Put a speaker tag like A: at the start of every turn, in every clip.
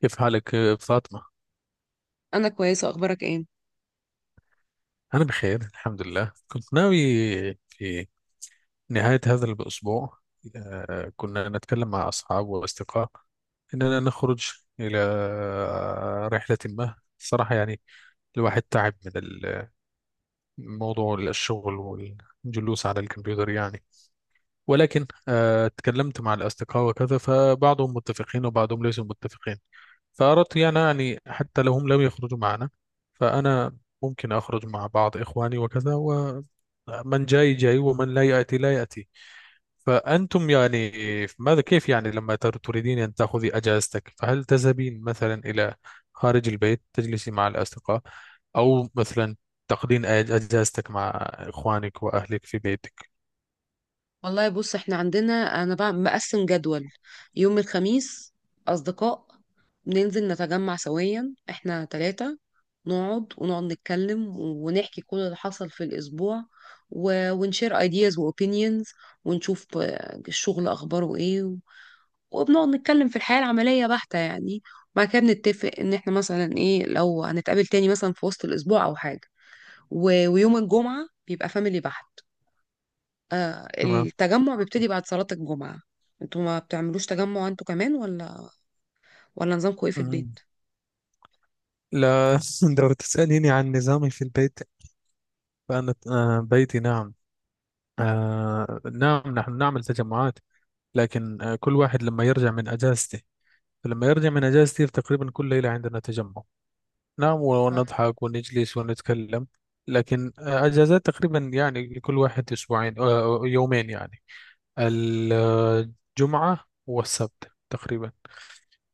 A: كيف حالك فاطمة؟
B: انا كويسه، اخبارك ايه؟
A: أنا بخير، الحمد لله. كنت ناوي في نهاية هذا الأسبوع كنا نتكلم مع أصحاب وأصدقاء إننا نخرج إلى رحلة ما. صراحة يعني الواحد تعب من الموضوع، الشغل والجلوس على الكمبيوتر يعني. ولكن اتكلمت مع الأصدقاء وكذا، فبعضهم متفقين وبعضهم ليسوا متفقين. فأردت يعني حتى لو هم لم يخرجوا معنا، فأنا ممكن أخرج مع بعض إخواني وكذا، ومن جاي جاي ومن لا يأتي لا يأتي. فأنتم يعني ماذا، كيف يعني لما تريدين أن تأخذي أجازتك، فهل تذهبين مثلا إلى خارج البيت تجلسي مع الأصدقاء، أو مثلا تقضين أجازتك مع إخوانك وأهلك في بيتك؟
B: والله، بص احنا عندنا، انا بقى مقسم جدول. يوم الخميس اصدقاء بننزل نتجمع سويا احنا ثلاثة. نقعد ونقعد نتكلم ونحكي كل اللي حصل في الاسبوع، ونشير ايدياز واوبينيونز، ونشوف الشغل اخباره ايه وبنقعد نتكلم في الحياة العملية بحتة يعني. بعد كده بنتفق ان احنا مثلا ايه لو هنتقابل تاني مثلا في وسط الاسبوع او حاجة، ويوم الجمعة بيبقى فاميلي بحت. التجمع بيبتدي بعد صلاة الجمعة. انتوا ما بتعملوش تجمع انتوا كمان، ولا نظامكم ايه في
A: تمام.
B: البيت؟
A: لا، لو تسأليني عن نظامي في البيت فأنا، بيتي، نعم. نعم، نحن نعمل تجمعات، لكن كل واحد لما يرجع من أجازته، فلما يرجع من أجازته تقريبا كل ليلة عندنا تجمع. نعم،
B: آه،
A: ونضحك ونجلس ونتكلم. لكن أجازات تقريبا يعني لكل واحد أسبوعين، يومين يعني، الجمعة والسبت تقريبا.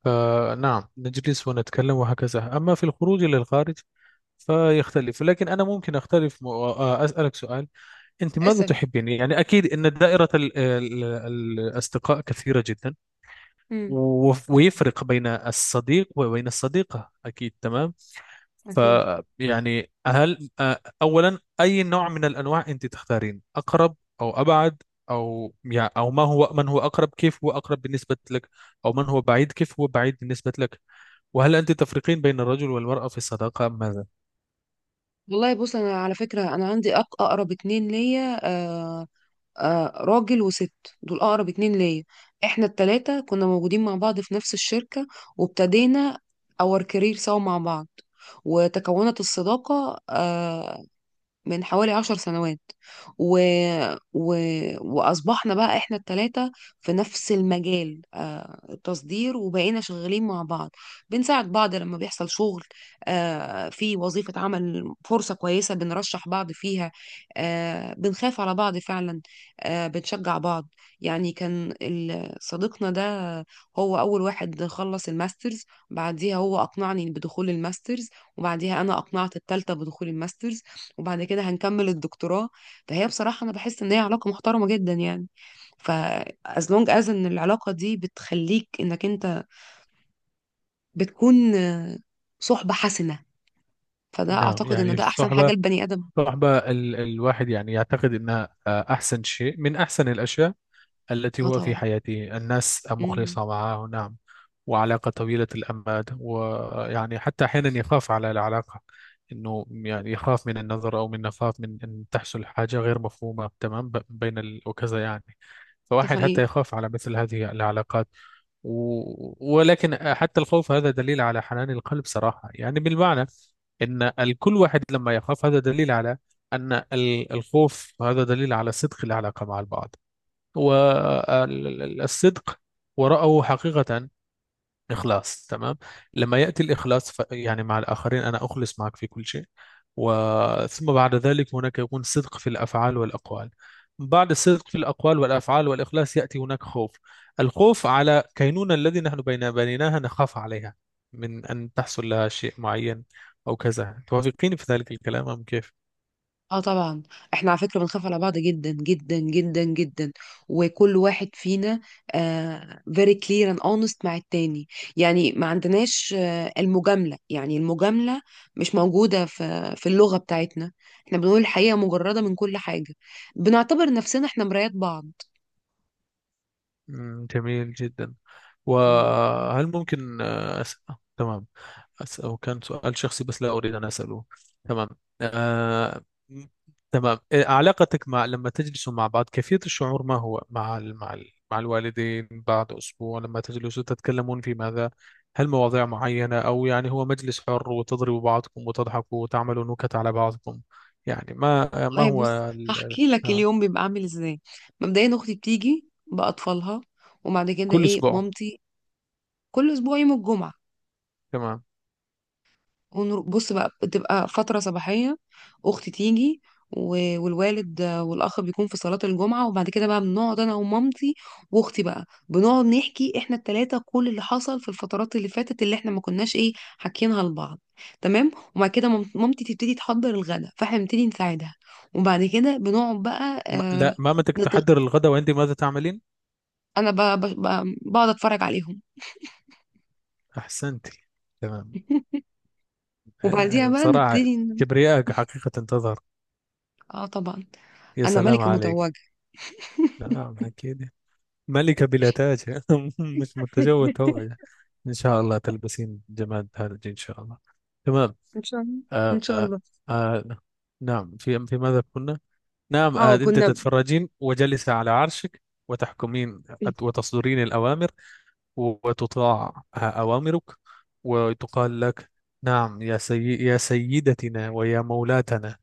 A: فنعم نجلس ونتكلم وهكذا. أما في الخروج إلى الخارج فيختلف، لكن أنا ممكن أختلف. أسألك سؤال. أنت ماذا
B: اسأل.
A: تحبين؟ يعني أكيد أن دائرة الأصدقاء كثيرة جدا،
B: امم. ده حلو.
A: ويفرق بين الصديق وبين الصديقة، أكيد. تمام. ف
B: اكيد.
A: يعني هل أولا، أي نوع من الأنواع أنت تختارين، أقرب أو أبعد؟ أو يعني، أو ما هو، من هو أقرب، كيف هو أقرب بالنسبة لك؟ أو من هو بعيد، كيف هو بعيد بالنسبة لك؟ وهل أنت تفرقين بين الرجل والمرأة في الصداقة أم ماذا؟
B: والله بص، انا على فكرة انا عندي اقرب اتنين ليا، راجل وست، دول اقرب اتنين ليا. احنا التلاتة كنا موجودين مع بعض في نفس الشركة، وابتدينا اور كارير سوا مع بعض، وتكونت الصداقة من حوالي 10 سنوات. و... و... وأصبحنا بقى إحنا التلاتة في نفس المجال، التصدير، وبقينا شغالين مع بعض، بنساعد بعض لما بيحصل شغل. في وظيفة عمل فرصة كويسة بنرشح بعض فيها. بنخاف على بعض فعلا. بنشجع بعض. يعني كان صديقنا ده هو أول واحد خلص الماسترز، بعديها هو أقنعني بدخول الماسترز، وبعديها أنا أقنعت التالتة بدخول الماسترز، وبعد كده هنكمل الدكتوراه. فهي بصراحة أنا بحس إن هي علاقة محترمة جدا يعني. ف as long as إن العلاقة دي بتخليك إنك أنت بتكون صحبة حسنة، فده
A: نعم
B: أعتقد
A: يعني
B: إن ده أحسن حاجة
A: الصحبة،
B: لبني آدم.
A: صراحة بقى الواحد يعني يعتقد انها احسن شيء من احسن الاشياء التي
B: اه
A: هو في
B: طبعا.
A: حياته، الناس
B: امم.
A: مخلصة معه. نعم. وعلاقة طويلة الأمد، ويعني حتى أحيانا يخاف على العلاقة. إنه يعني يخاف من النظر، أو من يخاف من أن تحصل حاجة غير مفهومة، تمام، بين وكذا يعني.
B: ده
A: فواحد حتى
B: حقيقي.
A: يخاف على مثل هذه العلاقات. ولكن حتى الخوف هذا دليل على حنان القلب، صراحة يعني، بالمعنى إن الكل واحد لما يخاف، هذا دليل على أن الخوف، هذا دليل على صدق العلاقة مع البعض، والصدق ورأوا حقيقة إخلاص. تمام. لما يأتي الإخلاص يعني مع الآخرين، أنا أخلص معك في كل شيء، وثم بعد ذلك هناك يكون صدق في الأفعال والأقوال. بعد الصدق في الأقوال والأفعال والإخلاص يأتي هناك خوف، الخوف على كينونة الذي نحن بين بنيناها، نخاف عليها من أن تحصل لها شيء معين أو كذا. توافقين في ذلك الكلام أم كيف؟
B: اه طبعا. احنا على فكره بنخاف على بعض جدا جدا جدا جدا، وكل واحد فينا very clear and honest مع التاني. يعني ما عندناش المجامله، يعني المجامله مش موجوده في اللغه بتاعتنا. احنا بنقول الحقيقه مجرده من كل حاجه، بنعتبر نفسنا احنا مرايات بعض.
A: جميل جدا.
B: مم.
A: وهل ممكن أسأل؟ تمام، أسأل. وكان سؤال شخصي بس لا أريد أن أسأله. تمام. آه... م- تمام، علاقتك مع، لما تجلسوا مع بعض كيفية الشعور، ما هو مع مع مع الوالدين، بعد أسبوع لما تجلسوا تتكلمون في ماذا؟ هل مواضيع معينة، أو يعني هو مجلس حر وتضربوا بعضكم وتضحكوا وتعملوا نكت على بعضكم يعني؟ ما
B: والله
A: هو
B: بص، هحكي لك
A: آه،
B: اليوم بيبقى عامل ازاي. مبدئيا اختي بتيجي باطفالها، وبعد كده
A: كل
B: ايه
A: أسبوع.
B: مامتي، كل اسبوع يوم الجمعه.
A: تمام.
B: بص بقى، بتبقى فترة صباحية، أختي تيجي، والوالد والأخ بيكون في صلاة الجمعة، وبعد كده بقى بنقعد أنا ومامتي وأختي، بقى بنقعد نحكي إحنا التلاتة كل اللي حصل في الفترات اللي فاتت اللي إحنا ما كناش إيه حاكيينها لبعض. تمام. وبعد كده مامتي تبتدي تحضر الغدا، فإحنا بنبتدي نساعدها، وبعد كده بنقعد بقى
A: ما... لا، ما متى
B: نط...
A: تحضر الغداء وأنت ماذا تعملين؟
B: أنا بقعد أتفرج عليهم.
A: أحسنتي. تمام.
B: وبعديها بقى
A: بصراحة
B: نبتدي
A: كبريائك حقيقة تظهر.
B: آه طبعا.
A: يا
B: أنا
A: سلام
B: ملكة
A: عليك.
B: متوجة.
A: نعم أكيد. ملكة بلا تاج. مش متزوجة هو. إن شاء الله تلبسين جمال تاج إن شاء الله. تمام.
B: ان شاء الله. ان
A: آه
B: شاء
A: آه
B: الله.
A: آه، نعم. في ماذا كنا؟ نعم،
B: اه
A: أنت
B: كنا.
A: تتفرجين وجلس على عرشك، وتحكمين وتصدرين الأوامر، وتطاع أوامرك، وتقال لك: نعم يا يا سيدتنا ويا مولاتنا.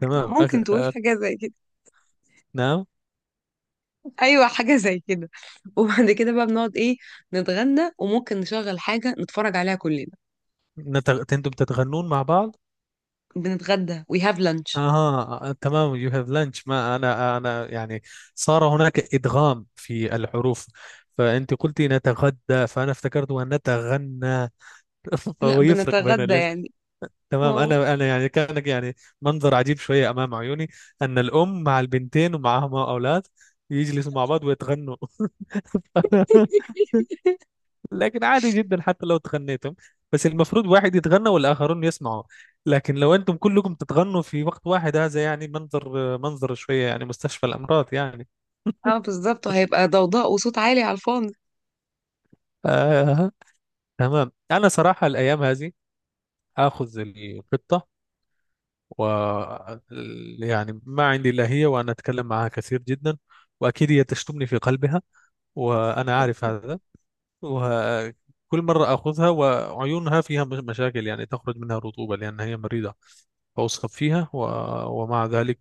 A: تمام.
B: ممكن تقول حاجه زي كده.
A: نعم.
B: ايوه حاجه زي كده. وبعد كده بقى بنقعد ايه، نتغدى وممكن نشغل حاجه نتفرج عليها كلنا.
A: أنتم تتغنون مع بعض؟
B: بنتغدى وي هاف لانش.
A: اها تمام، يو هاف لانش. ما انا يعني صار هناك ادغام في الحروف، فانت قلتي نتغدى فانا افتكرت ان نتغنى.
B: لا
A: فهو يفرق بين
B: بنتغدى
A: الاس.
B: يعني. ما
A: تمام،
B: هو.
A: انا يعني كان يعني منظر عجيب شويه امام عيوني، ان الام مع البنتين ومعهما اولاد يجلسوا مع بعض ويتغنوا. لكن عادي جدا حتى لو تغنيتم، بس المفروض واحد يتغنى والآخرون يسمعوا. لكن لو أنتم كلكم تتغنوا في وقت واحد، هذا يعني منظر شوية يعني مستشفى الأمراض يعني.
B: اه بالظبط، وهيبقى ضوضاء وصوت عالي على الفاضي.
A: آه. تمام. أنا صراحة الأيام هذه آخذ القطة، و يعني ما عندي إلا هي، وأنا أتكلم معها كثير جدا. وأكيد هي تشتمني في قلبها، وأنا عارف هذا. وكل مرة آخذها وعيونها فيها مشاكل، يعني تخرج منها رطوبة لأن هي مريضة، وأسخب فيها
B: آه.
A: ومع ذلك،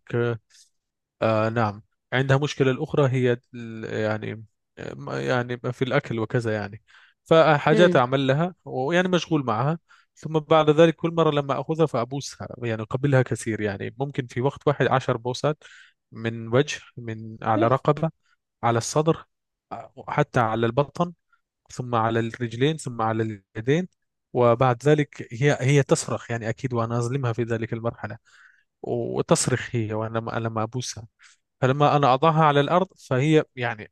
A: نعم عندها مشكلة أخرى، هي يعني في الأكل وكذا يعني. فحاجات
B: مم.
A: أعمل لها، ويعني مشغول معها. ثم بعد ذلك كل مرة لما أخذها فأبوسها يعني، أقبلها كثير يعني، ممكن في وقت واحد 10 بوسات، من وجه، من على رقبة، على الصدر، حتى على البطن، ثم على الرجلين، ثم على اليدين. وبعد ذلك هي تصرخ يعني، أكيد وأنا أظلمها في ذلك المرحلة. وتصرخ هي، وانا لما ابوسها، فلما انا اضعها على الارض فهي يعني: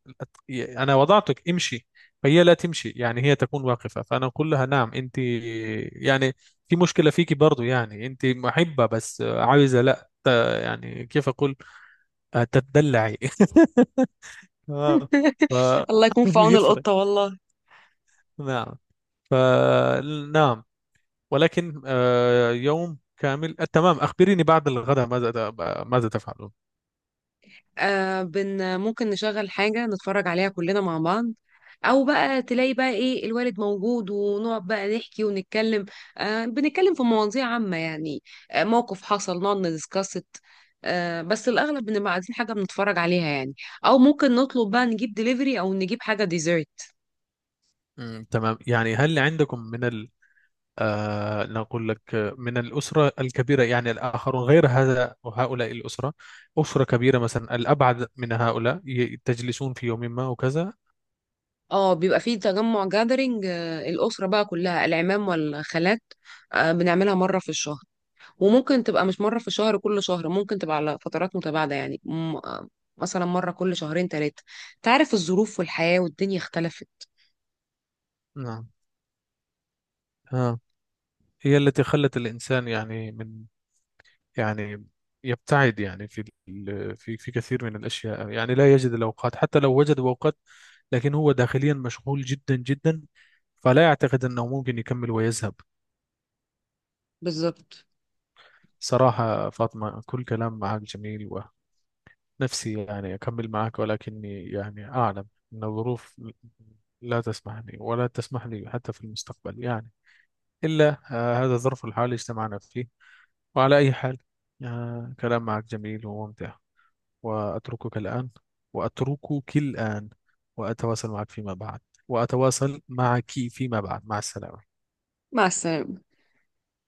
A: انا وضعتك امشي. فهي لا تمشي، يعني هي تكون واقفه، فانا اقول لها: نعم انت يعني في مشكله فيكي برضو، يعني انت محبه بس عايزه لا يعني كيف اقول؟ تتدلعي. اه. ف
B: الله يكون في عون
A: يفرق.
B: القطه والله.
A: نعم. ف نعم. ولكن يوم كامل. تمام، أخبريني بعد الغداء ماذا، تفعلون.
B: ممكن نشغل حاجة نتفرج عليها كلنا مع بعض، أو بقى تلاقي بقى إيه الوالد موجود ونقعد بقى نحكي ونتكلم. بنتكلم في مواضيع عامة يعني. موقف حصل نقعد ندسكست. بس الأغلب بنبقى عايزين حاجة بنتفرج عليها يعني، أو ممكن نطلب بقى نجيب ديليفري أو نجيب حاجة ديزرت.
A: تمام. يعني هل عندكم من ال آه نقول لك، من الأسرة الكبيرة يعني، الآخرون غير هذا وهؤلاء الأسرة؟ أسرة كبيرة مثلا الأبعد من هؤلاء، تجلسون في يوم ما وكذا.
B: اه بيبقى فيه تجمع جاذرينج، الأسرة بقى كلها العمام والخالات. بنعملها مرة في الشهر. وممكن تبقى مش مرة في الشهر، كل شهر ممكن تبقى على فترات متباعدة يعني، مثلا مرة كل شهرين ثلاثة. تعرف الظروف والحياة والدنيا اختلفت.
A: نعم. آه. هي التي خلت الإنسان يعني من، يعني يبتعد يعني في في كثير من الأشياء. يعني لا يجد الأوقات، حتى لو وجد أوقات لكن هو داخليا مشغول جدا جدا، فلا يعتقد أنه ممكن يكمل ويذهب.
B: بالظبط.
A: صراحة فاطمة، كل كلام معك جميل. نفسي يعني أكمل معك، ولكني يعني أعلم أن الظروف لا تسمحني ولا تسمح لي حتى في المستقبل يعني، إلا هذا الظرف الحالي اجتمعنا فيه. وعلى أي حال، كلام معك جميل وممتع. وأتركك الآن وأتركك الآن. وأتواصل معك فيما بعد وأتواصل معك فيما بعد. مع السلامة.
B: مع السلامة.